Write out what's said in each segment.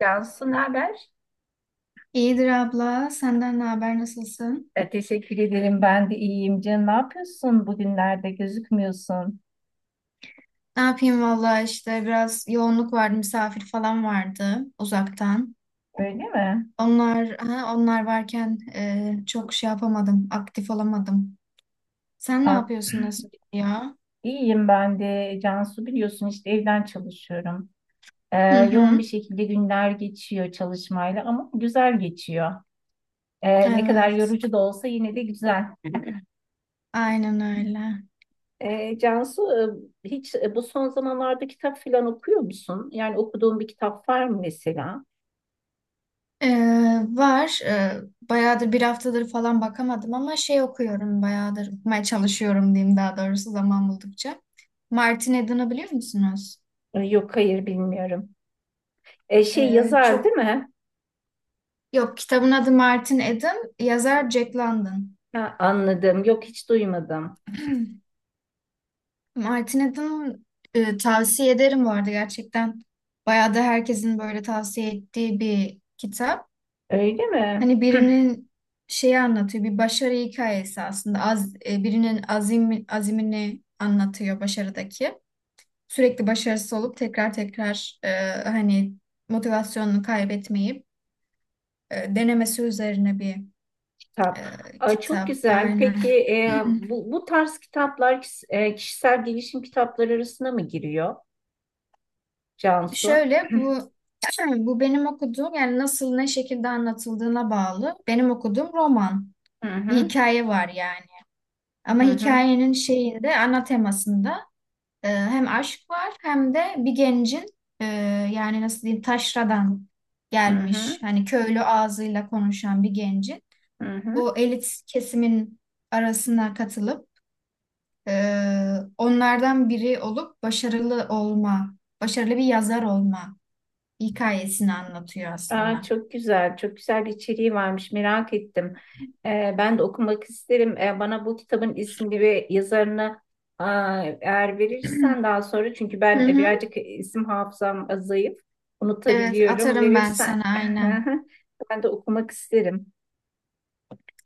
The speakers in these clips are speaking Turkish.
Cansu, ne haber? İyidir abla. Senden ne haber? Nasılsın? Teşekkür ederim. Ben de iyiyim. Can, ne yapıyorsun bugünlerde? Gözükmüyorsun. Ne yapayım valla işte biraz yoğunluk vardı. Misafir falan vardı uzaktan. Öyle mi? Onlar varken çok şey yapamadım. Aktif olamadım. Sen ne Ah, yapıyorsun? Nasıl gidiyor? iyiyim ben de. Cansu, biliyorsun işte evden çalışıyorum. E, Hı Yoğun bir hı. şekilde günler geçiyor çalışmayla ama güzel geçiyor. Ne kadar Evet. yorucu da olsa yine de güzel. Aynen öyle. Cansu, hiç bu son zamanlarda kitap falan okuyor musun? Yani okuduğun bir kitap var mı mesela? E, var. Bayağıdır bir haftadır falan bakamadım ama şey okuyorum bayağıdır. Okumaya çalışıyorum diyeyim daha doğrusu zaman buldukça. Martin Eden'ı biliyor musunuz? Yok, hayır bilmiyorum. Şey, yazar değil Çok mi? Yok, kitabın adı Martin Eden, yazar Jack London. Ha, anladım. Yok, hiç duymadım. Martin Eden tavsiye ederim bu arada gerçekten. Bayağı da herkesin böyle tavsiye ettiği bir kitap. Öyle mi? Hani birinin şeyi anlatıyor, bir başarı hikayesi aslında. Birinin azimini anlatıyor başarıdaki. Sürekli başarısız olup tekrar tekrar hani motivasyonunu kaybetmeyip denemesi üzerine bir kitap. Ay, çok kitap. güzel. Peki Aynen. Bu tarz kitaplar kişisel gelişim kitapları arasına mı giriyor Cansu? Şöyle bu bu benim okuduğum yani nasıl ne şekilde anlatıldığına bağlı. Benim okuduğum roman. Hı Bir hı, hikaye var yani. Ama hı hı, hikayenin şeyinde ana temasında hem aşk var hem de bir gencin e, yani nasıl diyeyim taşradan hı hı, gelmiş hani köylü ağzıyla konuşan bir gencin hı hı. o elit kesimin arasına katılıp e, onlardan biri olup başarılı olma, başarılı bir yazar olma hikayesini anlatıyor aslında. Çok güzel, çok güzel bir içeriği varmış. Merak ettim. Ben de okumak isterim. Bana bu kitabın ismini ve yazarını, eğer verirsen daha sonra, çünkü Hı ben hı. birazcık isim hafızam zayıf. Evet Unutabiliyorum. atarım ben Verirsen sana aynen. ben de okumak isterim.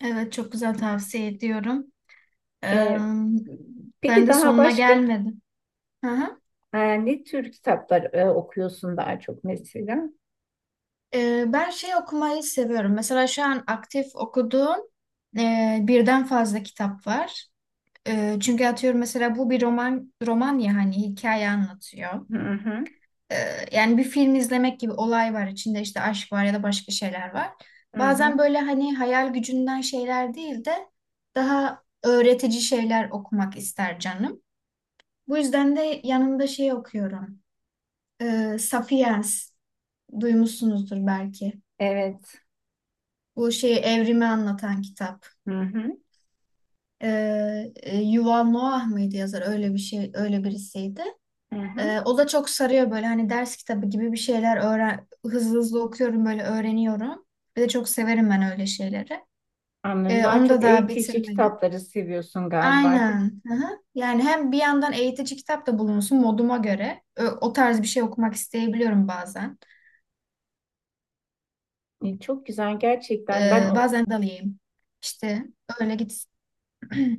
Evet çok güzel tavsiye ediyorum. Ee, Ee, ben peki de daha sonuna başka gelmedim. Hı hı. Ne tür kitaplar okuyorsun daha çok mesela? Ben şey okumayı seviyorum. Mesela şu an aktif okuduğum birden fazla kitap var. Çünkü atıyorum mesela bu bir roman ya hani hikaye anlatıyor. Hı hı, e, yani bir film izlemek gibi olay var. İçinde işte aşk var ya da başka şeyler var. hı hı. Bazen böyle hani hayal gücünden şeyler değil de daha öğretici şeyler okumak ister canım. Bu yüzden de yanında şey okuyorum. Sapiens duymuşsunuzdur belki. Evet. Bu şeyi evrimi anlatan kitap. Hı hı, E, Yuval Noah mıydı yazar? Öyle bir şey, öyle birisiydi. hı hı. O da çok sarıyor böyle hani ders kitabı gibi bir şeyler öğren hızlı hızlı okuyorum böyle öğreniyorum. Bir de çok severim ben öyle şeyleri. Anladım. Ee, Daha onu da çok daha eğitici bitirmedim. kitapları seviyorsun galiba, değil Aynen. Hı hı. Yani hem bir yandan eğitici kitap da bulunsun moduma göre. O tarz bir şey okumak isteyebiliyorum bazen. mi? Çok güzel gerçekten. Ben Ee, o, bazen dalayım. İşte öyle gitsin.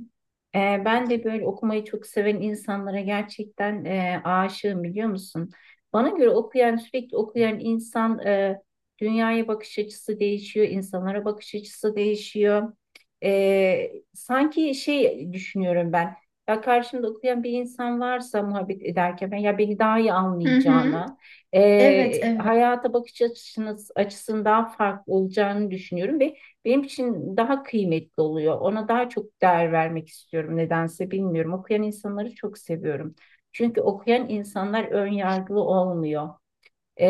Ben de böyle okumayı çok seven insanlara gerçekten aşığım, biliyor musun? Bana göre okuyan, sürekli okuyan insan, dünyaya bakış açısı değişiyor, insanlara bakış açısı değişiyor. Sanki şey düşünüyorum ben, ya karşımda okuyan bir insan varsa muhabbet ederken ben, ya beni daha iyi Hı hı. anlayacağını, Evet, evet. hayata bakış açısının daha farklı olacağını düşünüyorum ve benim için daha kıymetli oluyor. Ona daha çok değer vermek istiyorum nedense, bilmiyorum. Okuyan insanları çok seviyorum. Çünkü okuyan insanlar ön yargılı olmuyor. Ee,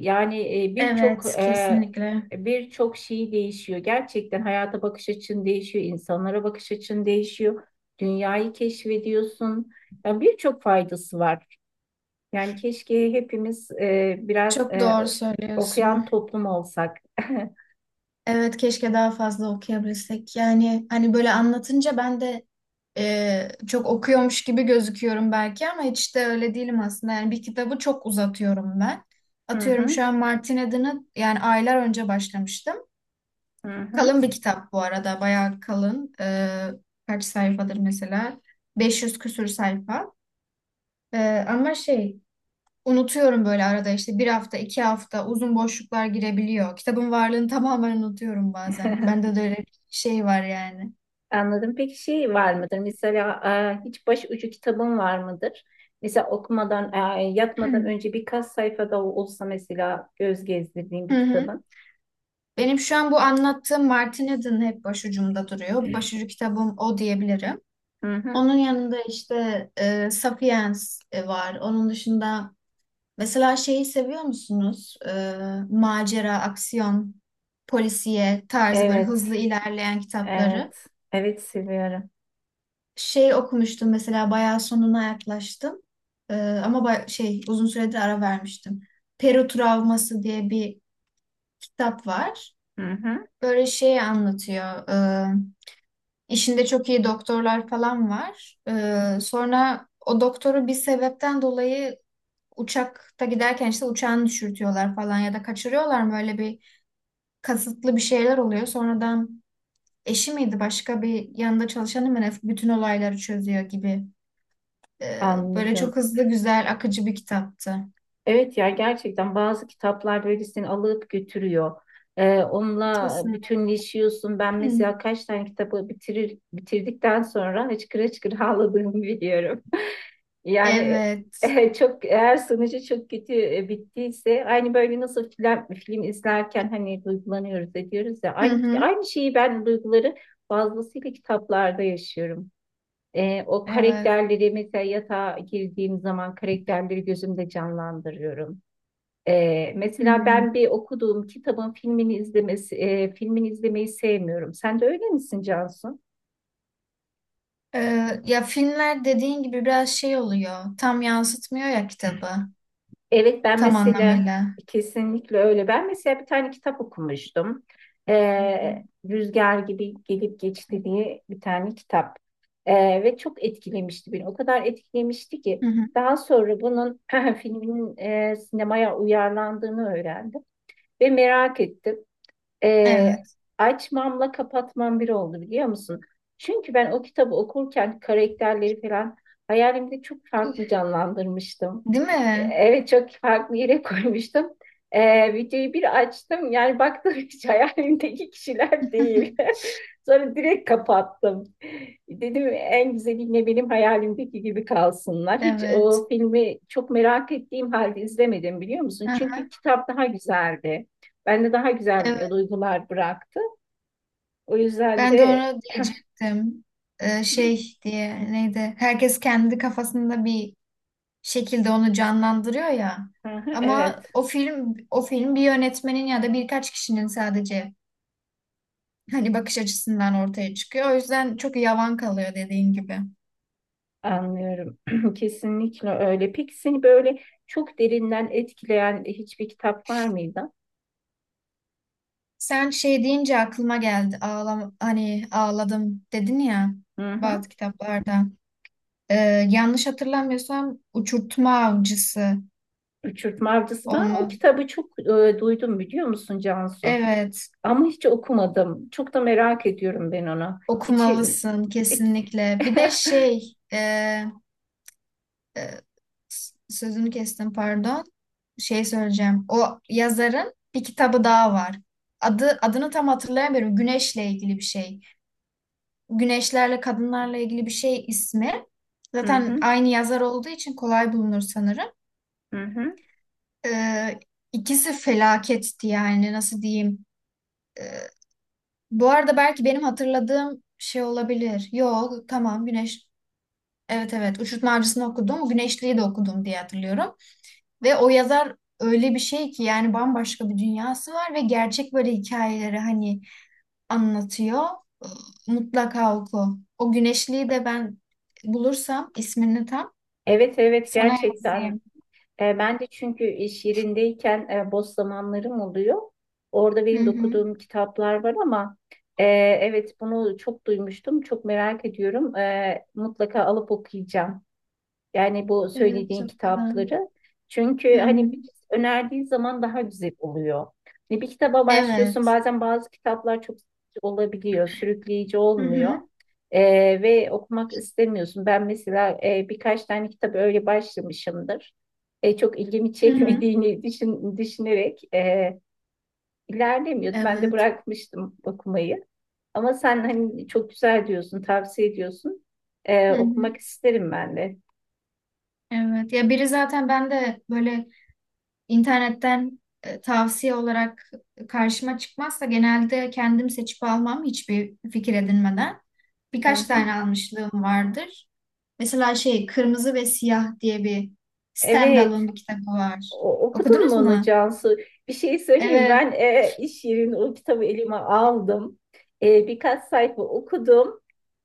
Yani birçok Evet, kesinlikle. Şey değişiyor. Gerçekten hayata bakış açın değişiyor, insanlara bakış açın değişiyor. Dünyayı keşfediyorsun. Yani birçok faydası var. Yani keşke hepimiz biraz Çok doğru söylüyorsun. okuyan toplum olsak. Evet keşke daha fazla okuyabilsek. Yani hani böyle anlatınca ben de çok okuyormuş gibi gözüküyorum belki ama hiç de öyle değilim aslında. Yani bir kitabı çok uzatıyorum ben. Hı Atıyorum hı, şu an Martin Eden'ı yani aylar önce başlamıştım. hı hı. Kalın bir kitap bu arada bayağı kalın. Kaç sayfadır mesela? 500 küsür sayfa. E, ama şey Unutuyorum böyle arada işte bir hafta, 2 hafta uzun boşluklar girebiliyor. Kitabın varlığını tamamen unutuyorum bazen. Bende de öyle bir şey var yani. Anladım. Peki şey var mıdır? Mesela hiç başucu kitabın var mıdır? Mesela yatmadan önce birkaç sayfada olsa mesela göz gezdirdiğin bir Hı hı. kitabın. Benim şu an bu anlattığım Martin Eden hep başucumda duruyor. Başucu kitabım o diyebilirim. Hı hı. Onun yanında işte Sapiens var. Onun dışında mesela şeyi seviyor musunuz? Macera, aksiyon, polisiye tarzı böyle Evet, hızlı ilerleyen kitapları. evet, evet, seviyorum. Şey okumuştum mesela bayağı sonuna yaklaştım. Ama uzun süredir ara vermiştim. Peru Travması diye bir kitap var. Hı hı. Böyle şey anlatıyor. İşinde çok iyi doktorlar falan var. Sonra o doktoru bir sebepten dolayı uçakta giderken işte uçağını düşürtüyorlar falan ya da kaçırıyorlar mı? Öyle bir kasıtlı bir şeyler oluyor. Sonradan eşi miydi başka bir yanında çalışanı mı ne bütün olayları çözüyor gibi. Böyle Anladım. çok hızlı, güzel, akıcı bir kitaptı. Evet ya, gerçekten bazı kitaplar böyle seni alıp götürüyor. Onunla Kesinlikle. bütünleşiyorsun. Ben Hı. mesela kaç tane kitabı bitirdikten sonra hıçkıra hıçkıra ağladığımı biliyorum. Yani Evet. Çok, eğer sonucu çok kötü bittiyse, aynı böyle nasıl film izlerken hani duygulanıyoruz ediyoruz ya, Hı aynı, hı. aynı şeyi ben, duyguları fazlasıyla kitaplarda yaşıyorum. O Evet. karakterleri mesela yatağa girdiğim zaman karakterleri gözümde canlandırıyorum. Hı. Mesela ben bir okuduğum kitabın filmini izlemeyi sevmiyorum. Sen de öyle misin Cansu? Ya filmler dediğin gibi biraz şey oluyor. Tam yansıtmıyor ya kitabı. Evet, ben Tam mesela anlamıyla. kesinlikle öyle. Ben mesela bir tane kitap okumuştum. Ee, Rüzgar gibi gelip geçti diye bir tane kitap. Ve çok etkilemişti beni. O kadar etkilemişti ki Hı hı. daha sonra bunun filminin sinemaya uyarlandığını öğrendim ve merak ettim. Ee, Evet. Açmamla kapatmam bir oldu, biliyor musun? Çünkü ben o kitabı okurken karakterleri falan hayalimde çok farklı canlandırmıştım. Değil mi? Evet, çok farklı yere koymuştum. Videoyu bir açtım, yani baktım hiç hayalimdeki kişiler değil. Sonra direkt kapattım. Dedim, en güzeliyle benim hayalimdeki gibi kalsınlar. Hiç Evet. o filmi çok merak ettiğim halde izlemedim, biliyor musun? Aha, Çünkü kitap daha güzeldi. Bende daha güzel evet. duygular bıraktı. O yüzden Ben de de onu diyecektim. Ee, şey diye neydi? Herkes kendi kafasında bir şekilde onu canlandırıyor ya. Ama evet, o film bir yönetmenin ya da birkaç kişinin sadece hani bakış açısından ortaya çıkıyor. O yüzden çok yavan kalıyor dediğin gibi. anlıyorum. Kesinlikle öyle. Peki seni böyle çok derinden etkileyen hiçbir kitap var mıydı? Sen şey deyince aklıma geldi. Hani ağladım dedin ya Hı hı. bazı kitaplarda. Ee, yanlış hatırlamıyorsam Uçurtma Avcısı Uçurtma Avcısı. Ben o olma. kitabı çok duydum, biliyor musun Cansu? Evet, Ama hiç okumadım. Çok da merak ediyorum ben onu. İçi... okumalısın kesinlikle. Bir de şey, e, sözünü kestim pardon. Şey söyleyeceğim. O yazarın bir kitabı daha var. Adını tam hatırlayamıyorum. Güneşle ilgili bir şey. Güneşlerle kadınlarla ilgili bir şey ismi. Hı Zaten hı, aynı yazar olduğu için kolay bulunur sanırım. hı hı. Ee, ikisi felaketti yani nasıl diyeyim. Ee, bu arada belki benim hatırladığım şey olabilir. Yok tamam Güneş. Evet evet Uçurtma Avcısı'nı okudum. Güneşli'yi de okudum diye hatırlıyorum. Ve o yazar öyle bir şey ki yani bambaşka bir dünyası var ve gerçek böyle hikayeleri hani anlatıyor. Mutlaka oku. O Güneşli'yi de ben bulursam ismini tam Evet, evet, sana gerçekten. yazayım. Ben de, çünkü iş yerindeyken boş zamanlarım oluyor. Orada Hı benim de hı. okuduğum kitaplar var, ama e, evet, bunu çok duymuştum, çok merak ediyorum. Mutlaka alıp okuyacağım. Yani bu Evet söylediğin çok güzel. kitapları. Hı Çünkü hani hı. önerdiği zaman daha güzel oluyor. Hani bir kitaba başlıyorsun, Evet. bazen bazı kitaplar çok sıkıcı olabiliyor, sürükleyici Hı olmuyor. hı. Ve okumak istemiyorsun. Ben mesela birkaç tane kitap öyle başlamışımdır. Çok ilgimi Hı hı. çekmediğini düşünerek ilerlemiyordu. Ben de Evet. bırakmıştım okumayı. Ama sen hani çok güzel diyorsun, tavsiye ediyorsun. Hı hı. Okumak isterim ben de. Evet. Ya biri zaten ben de böyle İnternetten tavsiye olarak karşıma çıkmazsa genelde kendim seçip almam hiçbir fikir edinmeden. Hı Birkaç hı. tane almışlığım vardır. Mesela şey Kırmızı ve Siyah diye bir Evet, standalone bir kitabı var. Okudun mu Okudunuz onu mu? Cansu? Bir şey söyleyeyim. Evet. Ben iş yerinde o kitabı elime aldım. Birkaç sayfa okudum.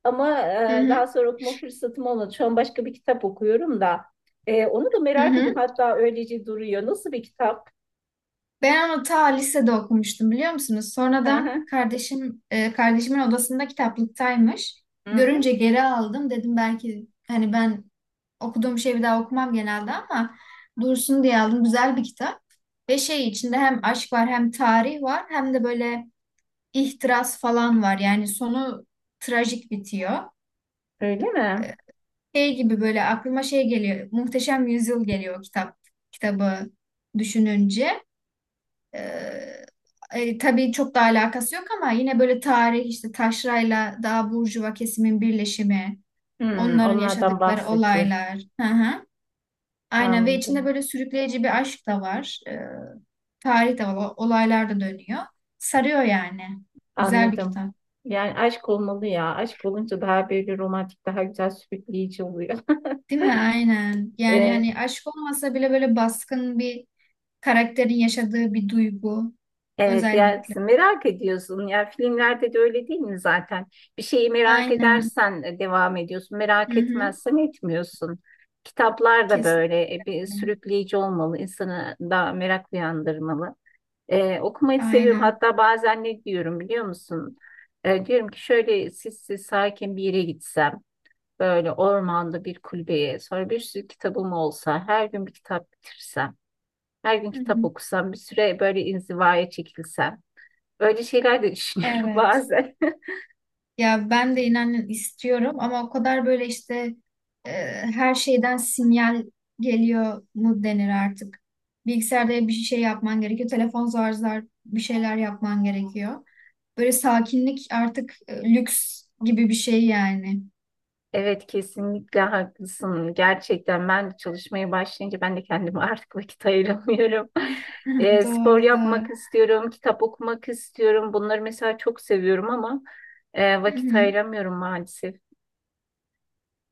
Ama Hı hı. daha sonra okuma fırsatım olmadı. Şu an başka bir kitap okuyorum da. Onu da Hı merak hı. ediyorum. Hatta öylece duruyor. Nasıl bir kitap? Ben onu ta lisede okumuştum biliyor musunuz? Hı Sonradan hı. Kardeşimin odasında kitaplıktaymış. Hı hı. Görünce geri aldım. Dedim belki hani ben okuduğum şeyi bir daha okumam genelde ama dursun diye aldım. Güzel bir kitap. Ve şey içinde hem aşk var hem tarih var hem de böyle ihtiras falan var. Yani sonu trajik bitiyor. Öyle mi? Şey gibi böyle aklıma şey geliyor. Muhteşem Yüzyıl geliyor o kitabı düşününce. Ee, tabii çok da alakası yok ama yine böyle tarih işte taşrayla daha burjuva kesimin birleşimi, onların Onlardan yaşadıkları bahsediyor. olaylar. Hı hı. Aynen ve içinde Anladım. böyle sürükleyici bir aşk da var. Tarih de var, olaylar da dönüyor. Sarıyor yani. Güzel bir Anladım. kitap. Yani aşk olmalı ya. Aşk olunca daha böyle romantik, daha güzel, sürükleyici oluyor. Değil mi? Aynen. Yani hani aşk olmasa bile böyle baskın bir karakterin yaşadığı bir duygu Evet, özellikle. yersin, merak ediyorsun ya, filmlerde de öyle değil mi zaten. Bir şeyi merak Aynen. edersen devam ediyorsun, Hı merak hı. etmezsen etmiyorsun. Kitaplar da böyle bir Kesinlikle. sürükleyici olmalı, insanı da merak uyandırmalı. Okumayı seviyorum, Aynen. hatta bazen ne diyorum biliyor musun? Diyorum ki şöyle sessiz sakin bir yere gitsem, böyle ormanda bir kulübeye, sonra bir sürü kitabım olsa, her gün bir kitap bitirsem, her gün Hı kitap hı. okusam, bir süre böyle inzivaya çekilsem. Böyle şeyler de düşünüyorum Evet. bazen. Ya ben de inanın istiyorum ama o kadar böyle işte e, her şeyden sinyal geliyor mu denir artık. Bilgisayarda bir şey yapman gerekiyor. Telefon zar zar bir şeyler yapman gerekiyor. Böyle sakinlik artık lüks gibi bir şey yani. Evet, kesinlikle haklısın. Gerçekten ben de çalışmaya başlayınca ben de kendime artık vakit ayıramıyorum. Spor Doğrudur. yapmak istiyorum, kitap okumak istiyorum. Bunları mesela çok seviyorum, ama Hı vakit hı. ayıramıyorum maalesef.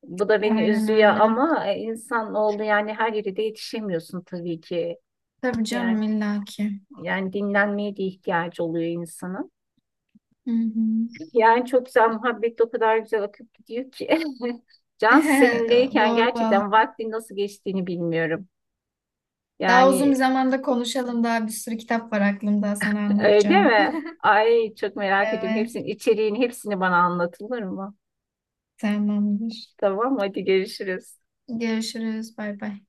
Bu da beni Aynen üzüyor, öyle. ama insan oldu yani, her yere de yetişemiyorsun tabii ki. Tabii Yani, canım illaki. yani, dinlenmeye de ihtiyacı oluyor insanın. Hı hı. Yani çok güzel muhabbet, o kadar güzel akıp gidiyor ki. Can, seninleyken Doğru vallahi. gerçekten vaktin nasıl geçtiğini bilmiyorum. Daha uzun bir Yani zamanda konuşalım. Daha bir sürü kitap var aklımda sana öyle anlatacağım. mi? Ay, çok merak ediyorum. Hepsinin Evet. içeriğini, hepsini bana anlatılır mı? Tamamdır. Tamam, hadi görüşürüz. Görüşürüz. Bay bay.